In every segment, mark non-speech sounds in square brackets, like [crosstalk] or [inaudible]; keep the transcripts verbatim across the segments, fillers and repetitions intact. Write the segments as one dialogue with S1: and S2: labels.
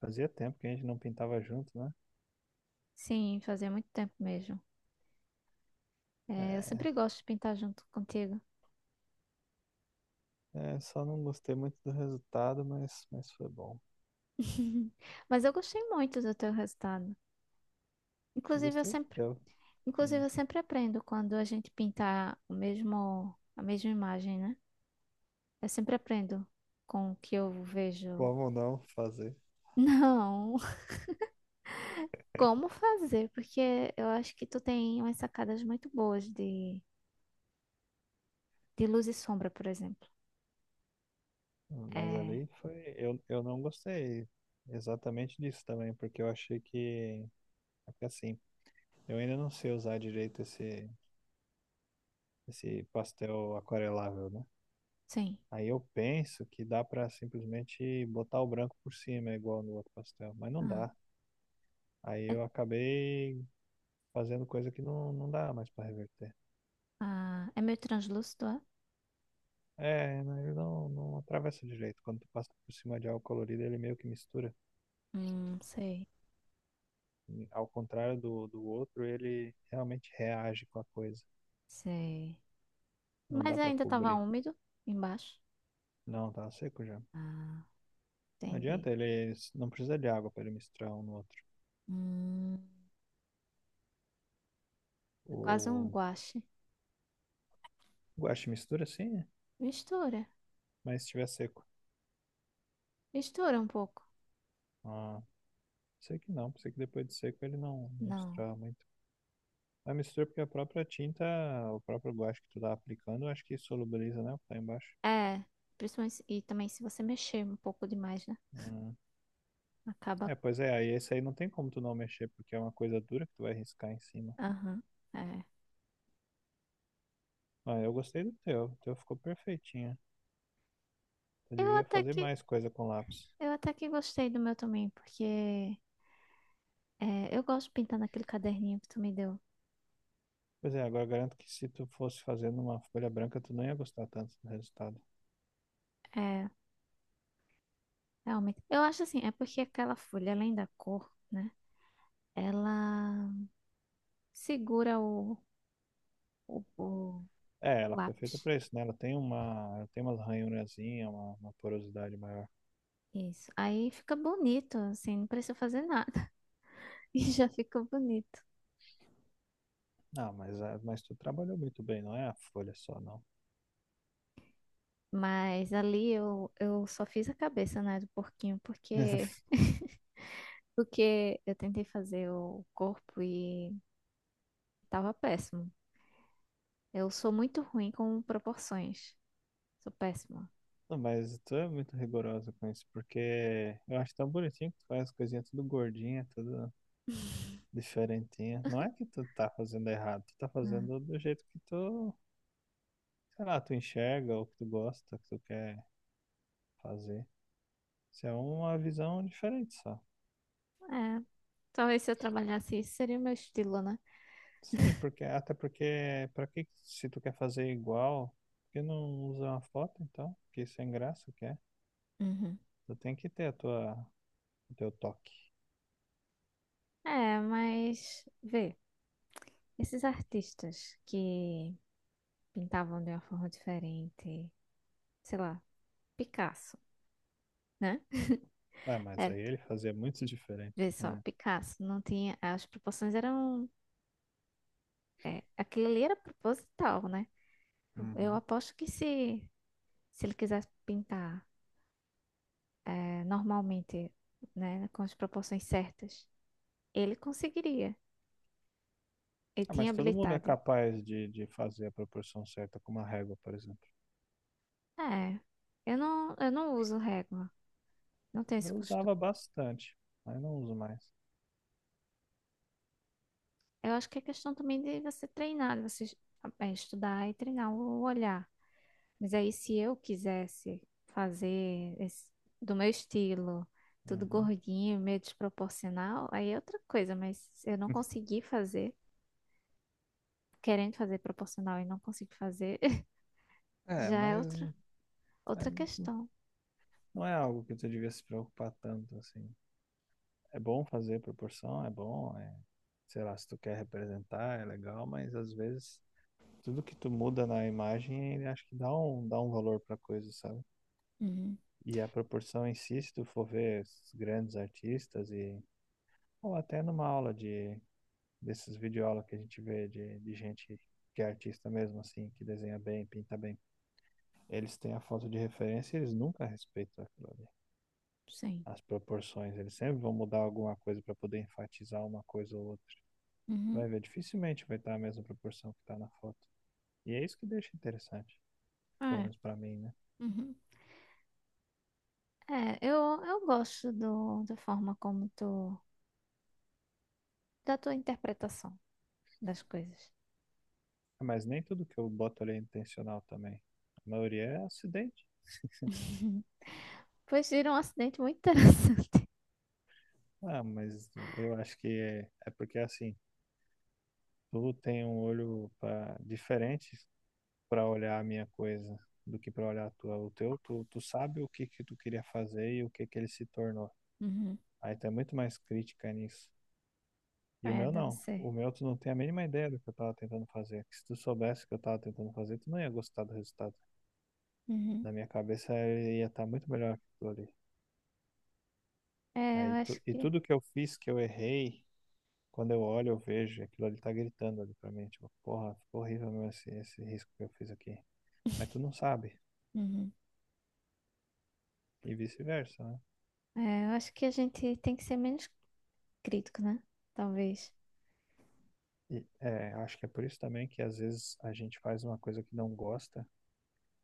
S1: Fazia tempo que a gente não pintava junto, né?
S2: Sim, fazia muito tempo mesmo. É, eu
S1: É,
S2: sempre gosto de pintar junto contigo.
S1: é, só não gostei muito do resultado, mas, mas foi bom.
S2: [laughs] Mas eu gostei muito do teu resultado.
S1: Eu
S2: Inclusive, eu
S1: gostei do
S2: sempre,
S1: teu.
S2: Inclusive,
S1: Hum.
S2: eu sempre aprendo quando a gente pintar o mesmo, a mesma imagem, né? Eu sempre aprendo com o que eu vejo.
S1: Como não fazer?
S2: Não, [laughs] como fazer? Porque eu acho que tu tem umas sacadas muito boas de, de luz e sombra, por exemplo.
S1: Hum. Mas
S2: É,
S1: ali foi. Eu, eu não gostei exatamente disso também, porque eu achei que. Porque assim, eu ainda não sei usar direito esse, esse pastel aquarelável, né?
S2: sim.
S1: Aí eu penso que dá pra simplesmente botar o branco por cima, igual no outro pastel, mas não
S2: Ah,
S1: dá. Aí
S2: é,
S1: eu acabei fazendo coisa que não, não dá mais pra reverter.
S2: ah, é meio translúcido, é?
S1: É, né, ele não, não atravessa direito. Quando tu passa por cima de algo colorido, ele meio que mistura.
S2: Hum, sei,
S1: E, ao contrário do, do outro, ele realmente reage com a coisa.
S2: sei.
S1: Não dá
S2: Mas
S1: pra
S2: ainda estava
S1: cobrir.
S2: úmido embaixo.
S1: Não, tá seco já.
S2: Ah,
S1: Não
S2: entendi.
S1: adianta, ele s- não precisa de água pra ele misturar um no outro.
S2: Hum, é quase um
S1: O
S2: guache.
S1: guache mistura, sim, né?
S2: Mistura.
S1: Mas se estiver seco.
S2: Mistura um pouco.
S1: Ah, sei que não, pensei que depois de seco ele não, não
S2: Não.
S1: misturava muito. A mistura porque a própria tinta, o próprio guache que tu tá aplicando, eu acho que solubiliza, né? O que tá embaixo.
S2: É. Principalmente, se- e também se você mexer um pouco demais, né?
S1: Hum.
S2: Acaba.
S1: É, pois é, aí esse aí não tem como tu não mexer, porque é uma coisa dura que tu vai riscar em cima.
S2: Aham. É.
S1: Ah, eu gostei do teu, o teu ficou perfeitinho. Tu
S2: Eu
S1: devia
S2: até
S1: fazer
S2: que,
S1: mais coisa com lápis.
S2: eu até que gostei do meu também, porque é, eu gosto pintando aquele caderninho que tu me deu.
S1: Pois é, agora garanto que se tu fosse fazendo uma folha branca, tu não ia gostar tanto do resultado.
S2: É, realmente. Eu acho assim, é porque aquela folha, além da cor, né? Ela segura o, o
S1: É,
S2: o
S1: ela foi feita
S2: lápis.
S1: pra isso, né? Ela tem uma, ela tem umas ranhurazinhas, uma, uma porosidade maior.
S2: Isso. Aí fica bonito, assim, não precisa fazer nada [laughs] e já fica bonito.
S1: Ah, mas, a- mas tu trabalhou muito bem, não é a folha só, não.
S2: Mas ali eu, eu só fiz a cabeça, né, do porquinho, porque
S1: [laughs]
S2: [laughs] porque eu tentei fazer o corpo e tava péssimo. Eu sou muito ruim com proporções. Sou péssima.
S1: Não, mas tu é muito rigorosa com isso, porque eu acho tão bonitinho que tu faz as coisinhas tudo gordinha, tudo diferentinha. Não é que tu tá fazendo errado, tu tá
S2: Hum.
S1: fazendo do jeito que tu, sei lá, tu enxerga ou que tu gosta, que tu quer fazer. Isso é uma visão diferente só.
S2: É, talvez se eu trabalhasse isso seria o meu estilo, né?
S1: Sim, porque até porque pra que se tu quer fazer igual, por que não usa uma foto então? Que sem graça que é.
S2: Uhum.
S1: Tu tem que ter a tua, o teu toque.
S2: É, mas vê, esses artistas que pintavam de uma forma diferente, sei lá, Picasso, né?
S1: Ah, mas
S2: Era
S1: aí ele fazia muito diferente,
S2: Vê só,
S1: né?
S2: Picasso não tinha. As proporções eram. Aquilo ali era proposital, né? Eu
S1: Uhum.
S2: aposto que se, se ele quisesse pintar eh, normalmente, né, com as proporções certas, ele conseguiria. Ele
S1: Ah,
S2: tinha
S1: mas todo mundo é
S2: habilidade.
S1: capaz de, de fazer a proporção certa com uma régua, por exemplo.
S2: É, eu não, eu não uso régua, não tenho esse
S1: Eu usava
S2: costume.
S1: bastante, mas não uso mais.
S2: Eu acho que é questão também de você treinar, de você eh, estudar e treinar o olhar. Mas aí, se eu quisesse fazer esse- do meu estilo, tudo
S1: Uhum.
S2: gordinho, meio desproporcional, aí é outra coisa, mas se eu não consegui fazer, querendo fazer proporcional e não consigo fazer, [laughs]
S1: É,
S2: já é
S1: mas
S2: outra, outra
S1: é,
S2: questão.
S1: não é algo que tu devia se preocupar tanto, assim. É bom fazer proporção, é bom, é, sei lá, se tu quer representar, é legal, mas às vezes tudo que tu muda na imagem, ele acho que dá um, dá um valor pra coisa, sabe?
S2: Uhum,
S1: E a proporção em si, se tu for ver esses grandes artistas e ou até numa aula de desses videoaulas que a gente vê de, de gente que é artista mesmo, assim, que desenha bem, pinta bem. Eles têm a foto de referência e eles nunca respeitam aquilo ali.
S2: sim.
S1: As proporções, eles sempre vão mudar alguma coisa para poder enfatizar uma coisa ou outra.
S2: Uhum,
S1: Vai ver, dificilmente vai estar a mesma proporção que está na foto. E é isso que deixa interessante, pelo
S2: é.
S1: menos para mim, né?
S2: Uhum. É, eu, eu gosto do, da forma como tu, da tua interpretação das coisas.
S1: Ah, mas nem tudo que eu boto ali é intencional também. A maioria é acidente.
S2: [laughs] Pois vira um acidente muito interessante. [laughs]
S1: Ah, mas eu acho que é, é porque assim, tu tem um olho pra, diferente para olhar a minha coisa do que para olhar a tua. O teu, tu, tu sabe o que que tu queria fazer e o que que ele se tornou.
S2: Uhum,
S1: Aí tu é muito mais crítica nisso. E o
S2: é,
S1: meu
S2: deve
S1: não.
S2: ser.
S1: O meu tu não tem a mínima ideia do que eu tava tentando fazer. Que se tu soubesse o que eu tava tentando fazer, tu não ia gostar do resultado.
S2: Uhum.
S1: Na minha cabeça ia estar muito melhor que aquilo ali.
S2: É, eu
S1: Aí tu,
S2: acho
S1: e
S2: que,
S1: tudo que eu fiz que eu errei, quando eu olho, eu vejo, aquilo ali tá gritando ali pra mim, tipo, porra, ficou horrível meu esse, esse risco que eu fiz aqui. Mas tu não sabe.
S2: uhum.
S1: E vice-versa, né?
S2: É, eu acho que a gente tem que ser menos crítico, né? Talvez.
S1: E é, acho que é por isso também que às vezes a gente faz uma coisa que não gosta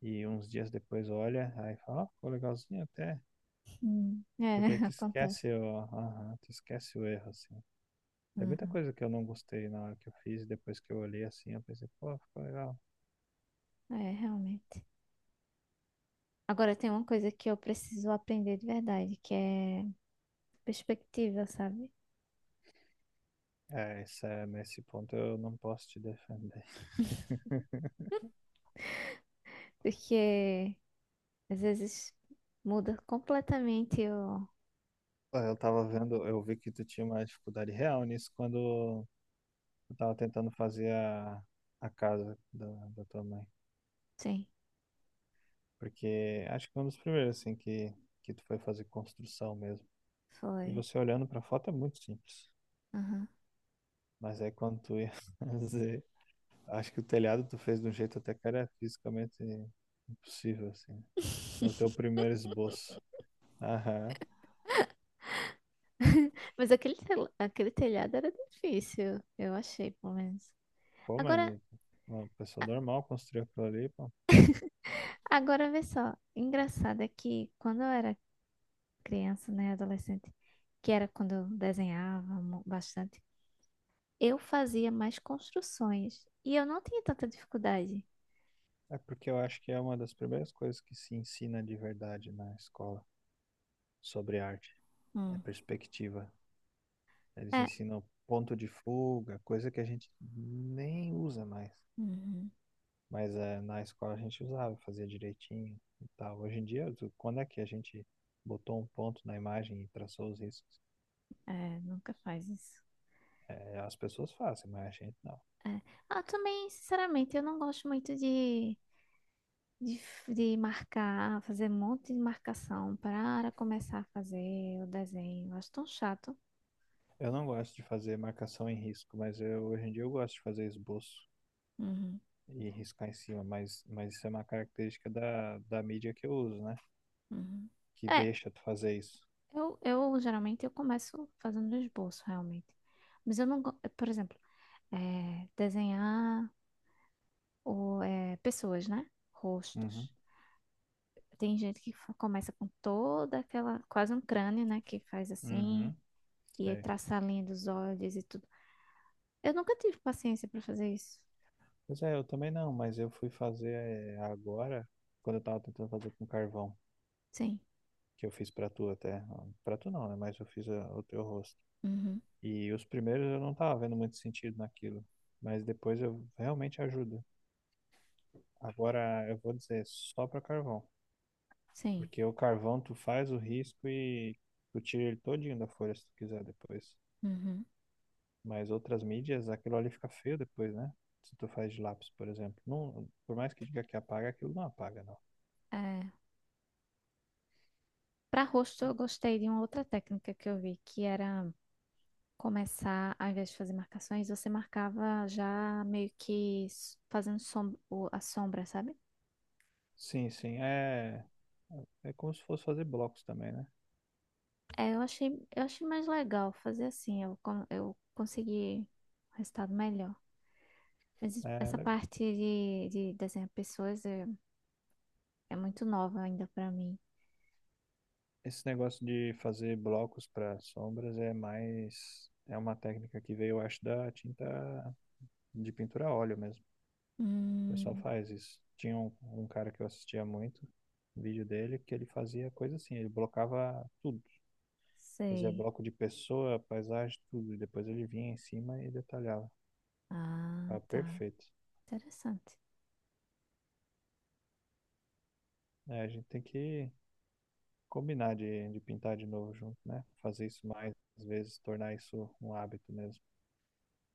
S1: e uns dias depois olha, aí fala, ó, ficou legalzinho até.
S2: Hum. É,
S1: Porque aí
S2: [laughs]
S1: tu
S2: acontece.
S1: esquece o, aham, tu esquece o erro, assim. Tem muita
S2: Uhum.
S1: coisa que eu não gostei na hora que eu fiz, e depois que eu olhei assim, eu pensei, pô, ficou legal.
S2: É, realmente. Agora tem uma coisa que eu preciso aprender de verdade, que é perspectiva, sabe?
S1: É, isso é, nesse ponto eu não posso te defender. [laughs]
S2: Porque às vezes muda completamente o.
S1: Pô, eu tava vendo, eu vi que tu tinha uma dificuldade real nisso quando eu tava tentando fazer a, a casa da, da tua mãe.
S2: Sim,
S1: Porque acho que foi um dos primeiros, assim, que, que tu foi fazer construção mesmo. E
S2: foi.
S1: você olhando pra foto é muito simples.
S2: Aham.
S1: Mas aí quando tu ia [laughs] fazer. Acho que o telhado tu fez de um jeito até que era fisicamente impossível, assim. No teu
S2: [laughs]
S1: primeiro esboço. Aham.
S2: Mas aquele, tel- aquele telhado era difícil, eu achei, pelo menos.
S1: Pô, mas
S2: Agora,
S1: no- Uma pessoa normal construiu aquilo ali, pô.
S2: agora vê só, engraçado é que quando eu era criança, né, adolescente, que era quando eu desenhava mu- bastante, eu fazia mais construções e eu não tinha tanta dificuldade.
S1: É porque eu acho que é uma das primeiras coisas que se ensina de verdade na escola sobre arte. É
S2: Hum.
S1: perspectiva. Eles
S2: É,
S1: ensinam ponto de fuga, coisa que a gente nem usa mais.
S2: uhum,
S1: Mas eh, na escola a gente usava, fazia direitinho e tal. Hoje em dia, tu- quando é que a gente botou um ponto na imagem e traçou os riscos?
S2: é, nunca faz isso.
S1: É, as pessoas fazem, mas a gente não.
S2: É. Ah, também, sinceramente, eu não gosto muito de, de, f- de marcar, fazer um monte de marcação para começar a fazer o desenho. Eu Acho tão chato.
S1: Eu não gosto de fazer marcação em risco, mas eu, hoje em dia eu gosto de fazer esboço
S2: Uhum,
S1: e riscar em cima, mas, mas isso é uma característica da, da mídia que eu uso, né?
S2: uhum.
S1: Que
S2: É,
S1: deixa tu fazer isso.
S2: eu, eu geralmente eu começo fazendo um esboço, realmente. Mas eu não, go- por exemplo, é, desenhar o, é, pessoas, né?
S1: Uhum,
S2: Rostos. Tem gente que fa- começa com toda aquela, quase um crânio, né? Que faz assim,
S1: uhum,
S2: e aí
S1: sei.
S2: traça a linha dos olhos e tudo. Eu nunca tive paciência para fazer isso.
S1: Pois é, eu também não, mas eu fui fazer é, agora, quando eu tava tentando fazer com carvão,
S2: Sim.
S1: que eu fiz pra tu até. Pra tu não, né? Mas eu fiz a- o teu rosto.
S2: Uhum.
S1: E os primeiros eu não tava vendo muito sentido naquilo, mas depois eu realmente ajuda. Agora, eu vou dizer só para carvão,
S2: Sim.
S1: porque o carvão tu faz o risco e tu tira ele todinho da folha se tu quiser depois.
S2: Uhum.
S1: Mas outras mídias, aquilo ali fica feio depois, né? Se tu faz de lápis, por exemplo. Não, por mais que diga que apaga, aquilo não apaga, não.
S2: É. Para rosto, eu gostei de uma outra técnica que eu vi, que era começar, ao invés de fazer marcações, você marcava já meio que s- fazendo som- o- a sombra, sabe?
S1: Sim, sim, é, é como se fosse fazer blocos também, né?
S2: É, eu achei, eu achei mais legal fazer assim, eu, con- eu consegui um resultado melhor. Mas es-
S1: É,
S2: essa
S1: legal.
S2: parte de, de desenhar pessoas é, é muito nova ainda pra mim.
S1: Esse negócio de fazer blocos para sombras é mais. É uma técnica que veio, eu acho, da tinta de pintura a óleo mesmo. O pessoal
S2: Hum,
S1: faz isso. Tinha um, um cara que eu assistia muito, um vídeo dele, que ele fazia coisa assim, ele blocava tudo. Fazia
S2: sei.
S1: bloco de pessoa, paisagem, tudo. E depois ele vinha em cima e detalhava.
S2: Ah,
S1: Ah,
S2: tá.
S1: perfeito.
S2: Interessante.
S1: É, a gente tem que combinar de, de pintar de novo junto, né? Fazer isso mais, às vezes, tornar isso um hábito mesmo.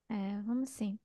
S2: É, vamos sim.